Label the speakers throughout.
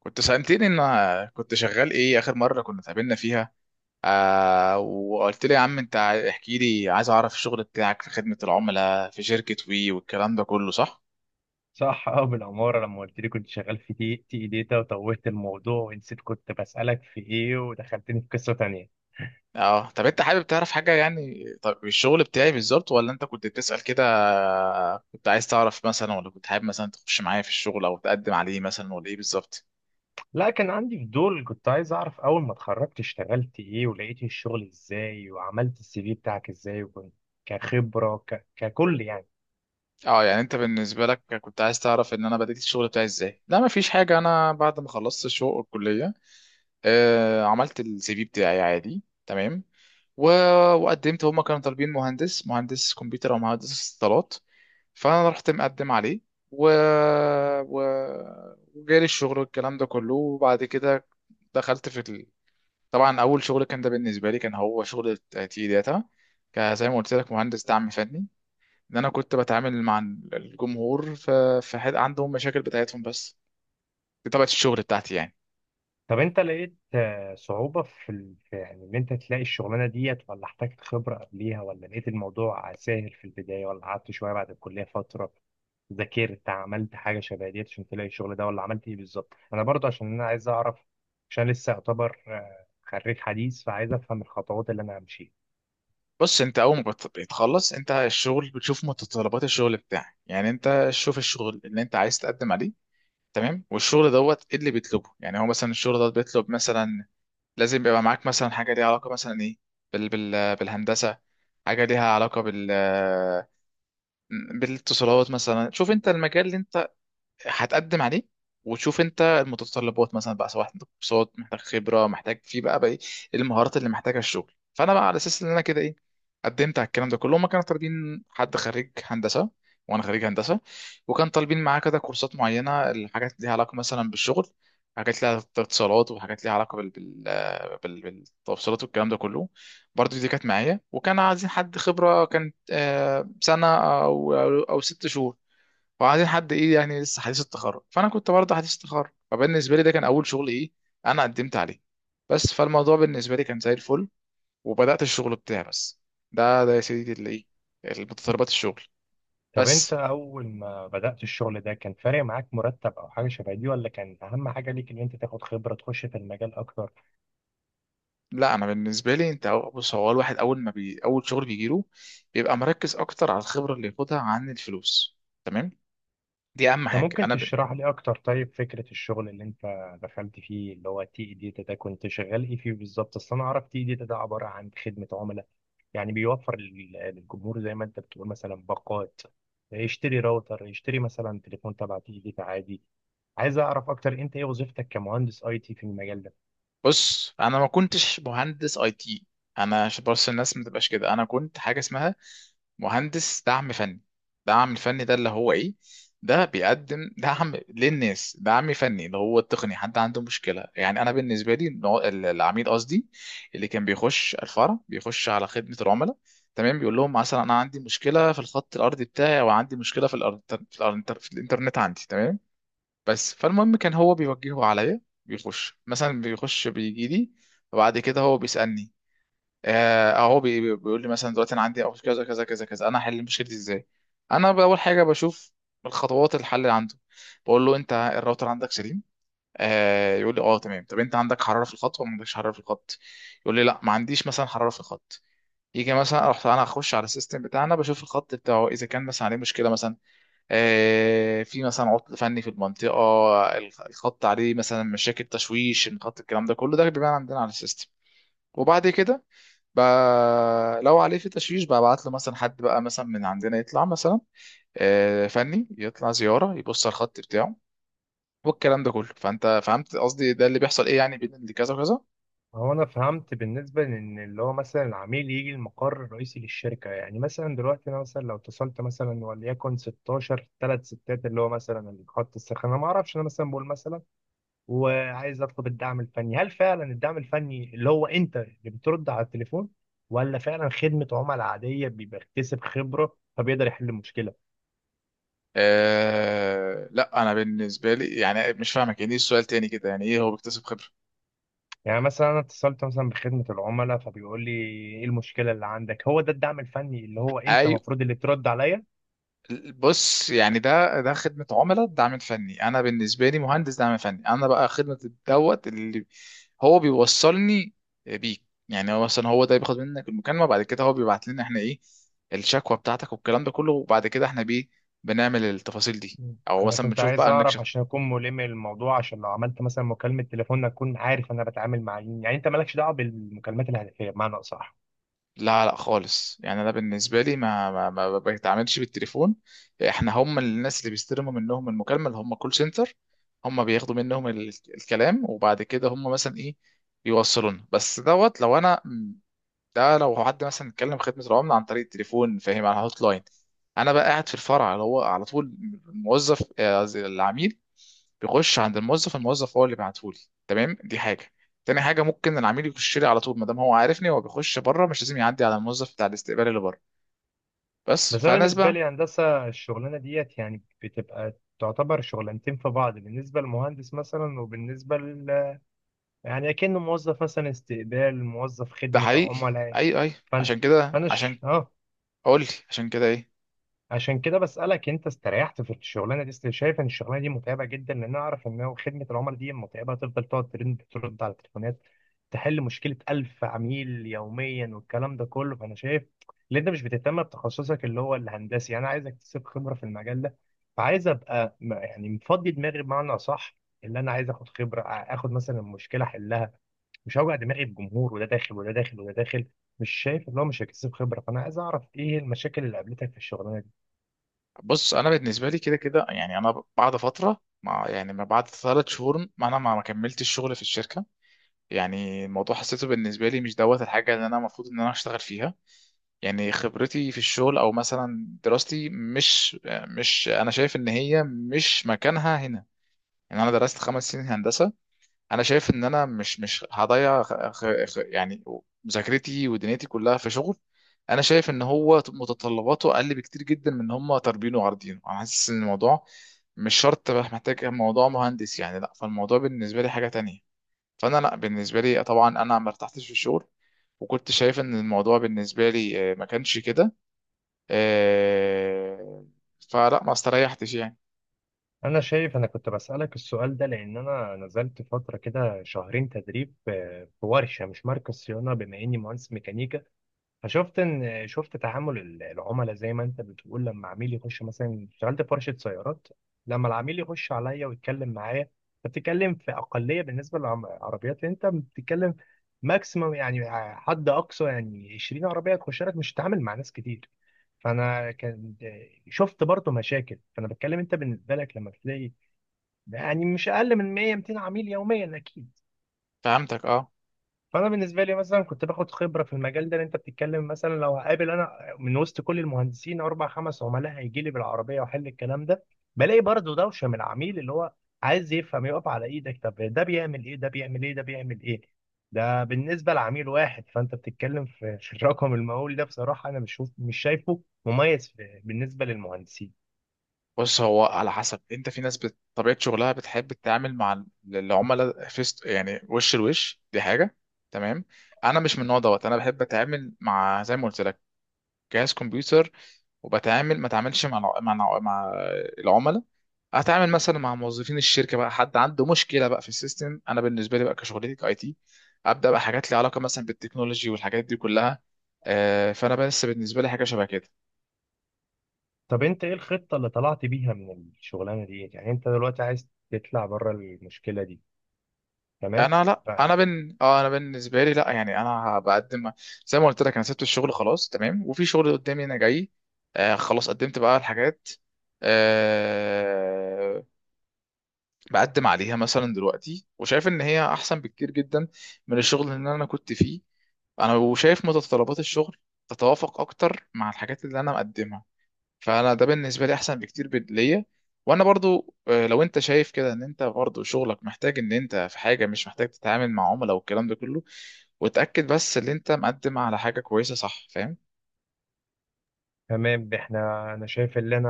Speaker 1: كنت سألتني ان كنت شغال ايه اخر مرة كنا اتقابلنا فيها. وقلت لي: يا عم انت احكي لي، عايز اعرف الشغل بتاعك في خدمة العملاء في شركة وي والكلام ده كله، صح؟
Speaker 2: صح، اه، بالعمارة لما قلت لي كنت شغال في تي داتا وتوهت الموضوع ونسيت كنت بسألك في ايه ودخلتني في قصة تانية.
Speaker 1: اه طب انت حابب تعرف حاجة؟ يعني طب الشغل بتاعي بالظبط، ولا انت كنت بتسأل كده؟ كنت عايز تعرف مثلا، ولا كنت حابب مثلا تخش معايا في الشغل او تقدم عليه مثلا، ولا ايه بالظبط؟
Speaker 2: لا، كان عندي فضول، كنت عايز اعرف اول ما اتخرجت اشتغلت ايه ولقيت الشغل ازاي وعملت السي في بتاعك ازاي، وكنت كخبرة ككل يعني.
Speaker 1: اه يعني انت بالنسبة لك كنت عايز تعرف ان انا بدأت الشغل بتاعي ازاي؟ لا، مفيش حاجة. انا بعد ما خلصت الشغل الكلية، عملت السي في بتاعي عادي تمام. و... وقدمت. هما كانوا طالبين مهندس كمبيوتر او مهندس اتصالات، فانا رحت مقدم عليه. و... و... وجالي الشغل والكلام ده كله. وبعد كده دخلت في ال... طبعا اول شغل كان ده، بالنسبه لي كان هو شغل تي داتا، زي ما قلت لك، مهندس دعم فني. ان انا كنت بتعامل مع الجمهور، في حد عندهم مشاكل بتاعتهم، بس دي طبيعه الشغل بتاعتي يعني.
Speaker 2: طب انت لقيت صعوبة في يعني ان انت تلاقي الشغلانة ديت، ولا احتاجت خبرة قبليها، ولا لقيت الموضوع سهل في البداية، ولا قعدت شوية بعد الكلية فترة ذاكرت عملت حاجة شبه ديت عشان تلاقي الشغل ده، ولا عملت ايه بالظبط؟ انا برضه عشان انا عايز اعرف، عشان لسه اعتبر خريج حديث، فعايز افهم الخطوات اللي انا همشيها.
Speaker 1: بص، انت اول ما بتخلص انت الشغل بتشوف متطلبات الشغل بتاعك. يعني انت شوف الشغل اللي انت عايز تقدم عليه، تمام؟ والشغل دوت ايه اللي بيطلبه؟ يعني هو مثلا الشغل دوت بيطلب مثلا لازم يبقى معاك مثلا حاجه ليها علاقه مثلا ايه، بالهندسه، حاجه ليها علاقه بالاتصالات مثلا. شوف انت المجال اللي انت هتقدم عليه، وتشوف انت المتطلبات مثلا بقى، سواء عندك كورسات، محتاج خبره، محتاج في بقى ايه المهارات اللي محتاجها الشغل. فانا بقى على اساس ان انا كده ايه، قدمت على الكلام ده كله. هما كانوا طالبين حد خريج هندسه، وانا خريج هندسه. وكان طالبين معاه كده كورسات معينه، الحاجات ليها علاقه مثلا بالشغل، حاجات ليها اتصالات وحاجات ليها علاقه بالتوصيلات والكلام ده كله، برضه دي كانت معايا. وكان عايزين حد خبره كانت سنه او او أو 6 شهور، وبعدين حد ايه يعني لسه حديث التخرج، فانا كنت برضه حديث التخرج، فبالنسبه لي ده كان اول شغل ايه انا قدمت عليه. بس، فالموضوع بالنسبه لي كان زي الفل، وبدات الشغل بتاعي بس. ده ده يا سيدي اللي ايه، متطلبات الشغل
Speaker 2: طب انت
Speaker 1: بس.
Speaker 2: اول ما بدأت الشغل ده كان فارق معاك مرتب او حاجة شبه دي، ولا كان اهم حاجة ليك ان انت تاخد خبرة تخش في المجال اكتر؟
Speaker 1: لا، انا بالنسبه لي بص، هو الواحد اول ما اول شغل بيجيله بيبقى مركز اكتر على الخبره اللي ياخدها عن الفلوس، تمام؟ دي اهم
Speaker 2: انت
Speaker 1: حاجه
Speaker 2: ممكن تشرح لي اكتر طيب فكرة الشغل اللي انت دخلت فيه اللي هو تي داتا ده؟ كنت شغال ايه فيه بالظبط؟ اصل انا اعرف تي داتا ده عبارة عن خدمة عملاء، يعني بيوفر للجمهور زي ما انت بتقول مثلا باقات، يشتري راوتر، يشتري مثلا تليفون تبع تي داتا عادي. عايز اعرف اكتر انت ايه وظيفتك كمهندس اي تي في المجال ده؟
Speaker 1: بص، انا ما كنتش مهندس اي تي. انا عشان بس الناس ما تبقاش كده، انا كنت حاجه اسمها مهندس دعم فني. دعم الفني ده اللي هو ايه؟ ده بيقدم دعم للناس. دعم فني اللي هو التقني، حد عنده مشكلة. يعني انا بالنسبة لي العميل قصدي، اللي كان بيخش الفرع بيخش على خدمة العملاء، تمام؟ بيقول لهم مثلا: انا عندي مشكلة في الخط الارضي بتاعي، او عندي مشكلة في الانترنت عندي، تمام؟ بس، فالمهم كان هو بيوجهه عليا، بيخش بيجي لي. وبعد كده هو بيسألني. اهو بيقول لي مثلا: دلوقتي انا عندي اوس كذا كذا كذا كذا، انا هحل مشكلتي دي ازاي؟ انا اول حاجه بشوف الخطوات الحل اللي عنده. بقول له: انت الراوتر عندك سليم؟ يقول لي: اه تمام. طب انت عندك حراره في الخط، ولا ما عندكش حراره في الخط؟ يقول لي: لا، ما عنديش مثلا حراره في الخط. يجي مثلا اروح انا اخش على السيستم بتاعنا، بشوف الخط بتاعه اذا كان مثلا عليه مشكله، مثلا في مثلا عطل فني في المنطقه، الخط عليه مثلا مشاكل، تشويش الخط، الكلام ده كله. ده بيبان عندنا على السيستم. وبعد كده بقى لو عليه في تشويش، ببعت له مثلا حد بقى مثلا من عندنا يطلع مثلا فني، يطلع زيارة يبص على الخط بتاعه والكلام ده كله. فانت فهمت قصدي، ده اللي بيحصل ايه يعني بين اللي كذا وكذا.
Speaker 2: هو انا فهمت بالنسبه لان اللي هو مثلا العميل يجي المقر الرئيسي للشركه، يعني مثلا دلوقتي انا مثلا لو اتصلت مثلا وليكن 16 ثلاث ستات اللي هو مثلا خط السخانه، ما اعرفش، انا مثلا بقول مثلا وعايز اطلب الدعم الفني، هل فعلا الدعم الفني اللي هو انت اللي بترد على التليفون، ولا فعلا خدمه عملاء عاديه بيبقى اكتسب خبره فبيقدر يحل المشكله؟
Speaker 1: لا، انا بالنسبه لي يعني مش فاهمك يعني ايه السؤال، تاني كده: يعني ايه هو بيكتسب خبره؟
Speaker 2: يعني مثلا انا اتصلت مثلا بخدمه العملاء فبيقول لي ايه المشكله اللي عندك، هو ده الدعم الفني اللي هو انت المفروض اللي ترد عليا؟
Speaker 1: بص، يعني ده خدمة عملاء، دعم فني. أنا بالنسبة لي مهندس دعم فني. أنا بقى خدمة الدوت اللي هو بيوصلني بيك. يعني هو مثلا، هو ده بياخد منك المكالمة، بعد كده هو بيبعت لنا احنا إيه، الشكوى بتاعتك والكلام ده كله. وبعد كده احنا بيه بنعمل التفاصيل دي،
Speaker 2: مم.
Speaker 1: أو
Speaker 2: انا
Speaker 1: مثلا
Speaker 2: كنت
Speaker 1: بنشوف
Speaker 2: عايز
Speaker 1: بقى
Speaker 2: اعرف
Speaker 1: نكشف.
Speaker 2: عشان اكون ملم الموضوع، عشان لو عملت مثلا مكالمه تليفون اكون عارف انا بتعامل مع مين، يعني انت مالكش دعوه بالمكالمات الهاتفيه بمعنى اصح؟
Speaker 1: لا، لا، خالص. يعني انا بالنسبه لي ما بتعاملش بالتليفون. احنا هم الناس اللي بيستلموا منهم المكالمه اللي هم كول سنتر. هم بياخدوا منهم الكلام، وبعد كده هم مثلا ايه، بيوصلونا بس دوت. لو انا، ده لو حد مثلا اتكلم خدمه العملاء عن طريق التليفون، فاهم؟ على الهوت لاين. انا بقى قاعد في الفرع اللي هو على طول الموظف آه، العميل بيخش عند الموظف هو اللي بيبعتهولي، تمام؟ دي حاجه. تاني حاجه، ممكن العميل يخش لي على طول، ما دام هو عارفني هو بيخش بره، مش لازم يعدي على الموظف بتاع الاستقبال اللي بره. بس،
Speaker 2: بس انا
Speaker 1: فناس
Speaker 2: بالنسبه
Speaker 1: بقى.
Speaker 2: لي هندسه الشغلانه ديت يعني بتبقى تعتبر شغلانتين في بعض، بالنسبه للمهندس مثلا وبالنسبه يعني اكنه موظف مثلا استقبال، موظف
Speaker 1: ده
Speaker 2: خدمه
Speaker 1: حقيقي.
Speaker 2: عملاء.
Speaker 1: اي، اي،
Speaker 2: فانت
Speaker 1: عشان كده.
Speaker 2: فانا ش...
Speaker 1: عشان
Speaker 2: اه
Speaker 1: اقول لي عشان كده ايه.
Speaker 2: عشان كده بسألك انت استريحت في الشغلانه دي؟ شايف ان الشغلانه دي متعبه جدا، لان انا اعرف ان هو خدمه العملاء دي متعبه، تفضل تقعد ترد ترد على التليفونات، تحل مشكله ألف عميل يوميا والكلام ده كله. فانا شايف ان انت مش بتهتم بتخصصك اللي هو الهندسي، يعني انا عايز اكتسب خبره في المجال ده، فعايز ابقى يعني مفضي دماغي بمعنى اصح، اللي انا عايز اخد خبره اخد مثلا المشكله احلها، مش هوجع دماغي بجمهور وده داخل وده داخل وده داخل، مش شايف اللي هو مش هيكتسب خبره. فانا عايز اعرف ايه المشاكل اللي قابلتك في الشغلانه دي؟
Speaker 1: بص، انا بالنسبه لي كده كده يعني، انا بعد فتره مع يعني، ما بعد 3 شهور، ما انا ما كملتش الشغل في الشركه. يعني الموضوع حسيته بالنسبه لي مش دوت الحاجه اللي انا المفروض ان انا اشتغل فيها. يعني خبرتي في الشغل او مثلا دراستي مش انا شايف ان هي مش مكانها هنا. يعني انا درست 5 سنين هندسه، انا شايف ان انا مش هضيع يعني مذاكرتي ودنيتي كلها في شغل. انا شايف ان هو متطلباته اقل بكتير جدا من ان هم طالبينه وعارضينه. انا حاسس ان الموضوع مش شرط بقى محتاج موضوع مهندس يعني، لا، فالموضوع بالنسبه لي حاجه تانية. فانا لا بالنسبه لي، طبعا انا ما ارتحتش في الشغل، وكنت شايف ان الموضوع بالنسبه لي ما كانش كده. آه، فلا، ما استريحتش يعني.
Speaker 2: أنا شايف أنا كنت بسألك السؤال ده لأن أنا نزلت فترة كده شهرين تدريب في ورشة، مش مركز صيانة، بما إني مهندس ميكانيكا. فشفت إن شفت تعامل العملاء زي ما أنت بتقول لما عميل يخش مثلا، اشتغلت في ورشة سيارات، لما العميل يخش عليا ويتكلم معايا، فبتتكلم في أقلية بالنسبة للعربيات. أنت بتتكلم ماكسيمم يعني حد أقصى يعني 20 عربية تخش لك، مش هتتعامل مع ناس كتير. فانا كان شفت برضه مشاكل، فانا بتكلم انت بالنسبه لك لما بتلاقي ده يعني مش اقل من 100 200 عميل يوميا اكيد.
Speaker 1: فهمتك، اه.
Speaker 2: فانا بالنسبه لي مثلا كنت باخد خبره في المجال ده اللي انت بتتكلم، مثلا لو هقابل انا من وسط كل المهندسين اربع خمس عملاء هيجي لي بالعربيه واحل الكلام ده، بلاقي برضه دوشه من العميل اللي هو عايز يفهم، يقف على ايدك، طب ده بيعمل ايه، ده بيعمل ايه، ده بيعمل ايه. ده بالنسبه لعميل واحد، فانت بتتكلم في الرقم المهول ده، بصراحه انا مش شايفه مميز بالنسبه للمهندسين.
Speaker 1: بص، هو على حسب انت، في ناس طبيعة شغلها بتحب تتعامل مع العملاء فيست، يعني وش لوش، دي حاجة، تمام. انا مش من النوع دوت. انا بحب اتعامل، مع زي ما قلت لك، جهاز كمبيوتر، وبتعامل ما اتعاملش مع العملاء. اتعامل مثلا مع موظفين الشركه بقى، حد عنده مشكله بقى في السيستم. انا بالنسبه لي بقى كشغلتي كاي تي ابدا بقى حاجات ليها علاقه مثلا بالتكنولوجي والحاجات دي كلها. فانا بس بالنسبه لي حاجه شبه كده.
Speaker 2: طب انت ايه الخطة اللي طلعت بيها من الشغلانة دي؟ يعني انت دلوقتي عايز تطلع بره المشكلة دي؟ تمام
Speaker 1: انا لا،
Speaker 2: ف-
Speaker 1: انا بن اه انا بالنسبه لي لا يعني، انا بقدم زي ما قلت لك، انا سبت الشغل خلاص تمام، وفي شغل قدامي انا جاي. خلاص قدمت بقى الحاجات. آه بقدم عليها مثلا دلوقتي، وشايف ان هي احسن بكتير جدا من الشغل اللي انا كنت فيه. انا وشايف متطلبات الشغل تتوافق اكتر مع الحاجات اللي انا مقدمها، فانا ده بالنسبه لي احسن بكتير ليا. وانا برضو، لو انت شايف كده ان انت برضو شغلك محتاج ان انت في حاجه مش محتاج تتعامل مع عملاء والكلام ده كله، وتاكد بس ان انت مقدم على حاجه كويسه، صح؟ فاهم.
Speaker 2: تمام احنا، انا شايف اللي انا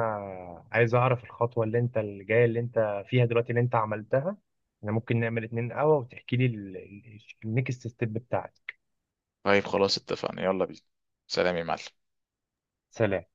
Speaker 2: عايز اعرف الخطوة اللي انت الجاية اللي انت فيها دلوقتي اللي انت عملتها. احنا ممكن نعمل اتنين قهوة وتحكي لي النكست ستيب بتاعتك.
Speaker 1: طيب خلاص، اتفقنا، يلا بينا. سلام يا معلم.
Speaker 2: سلام.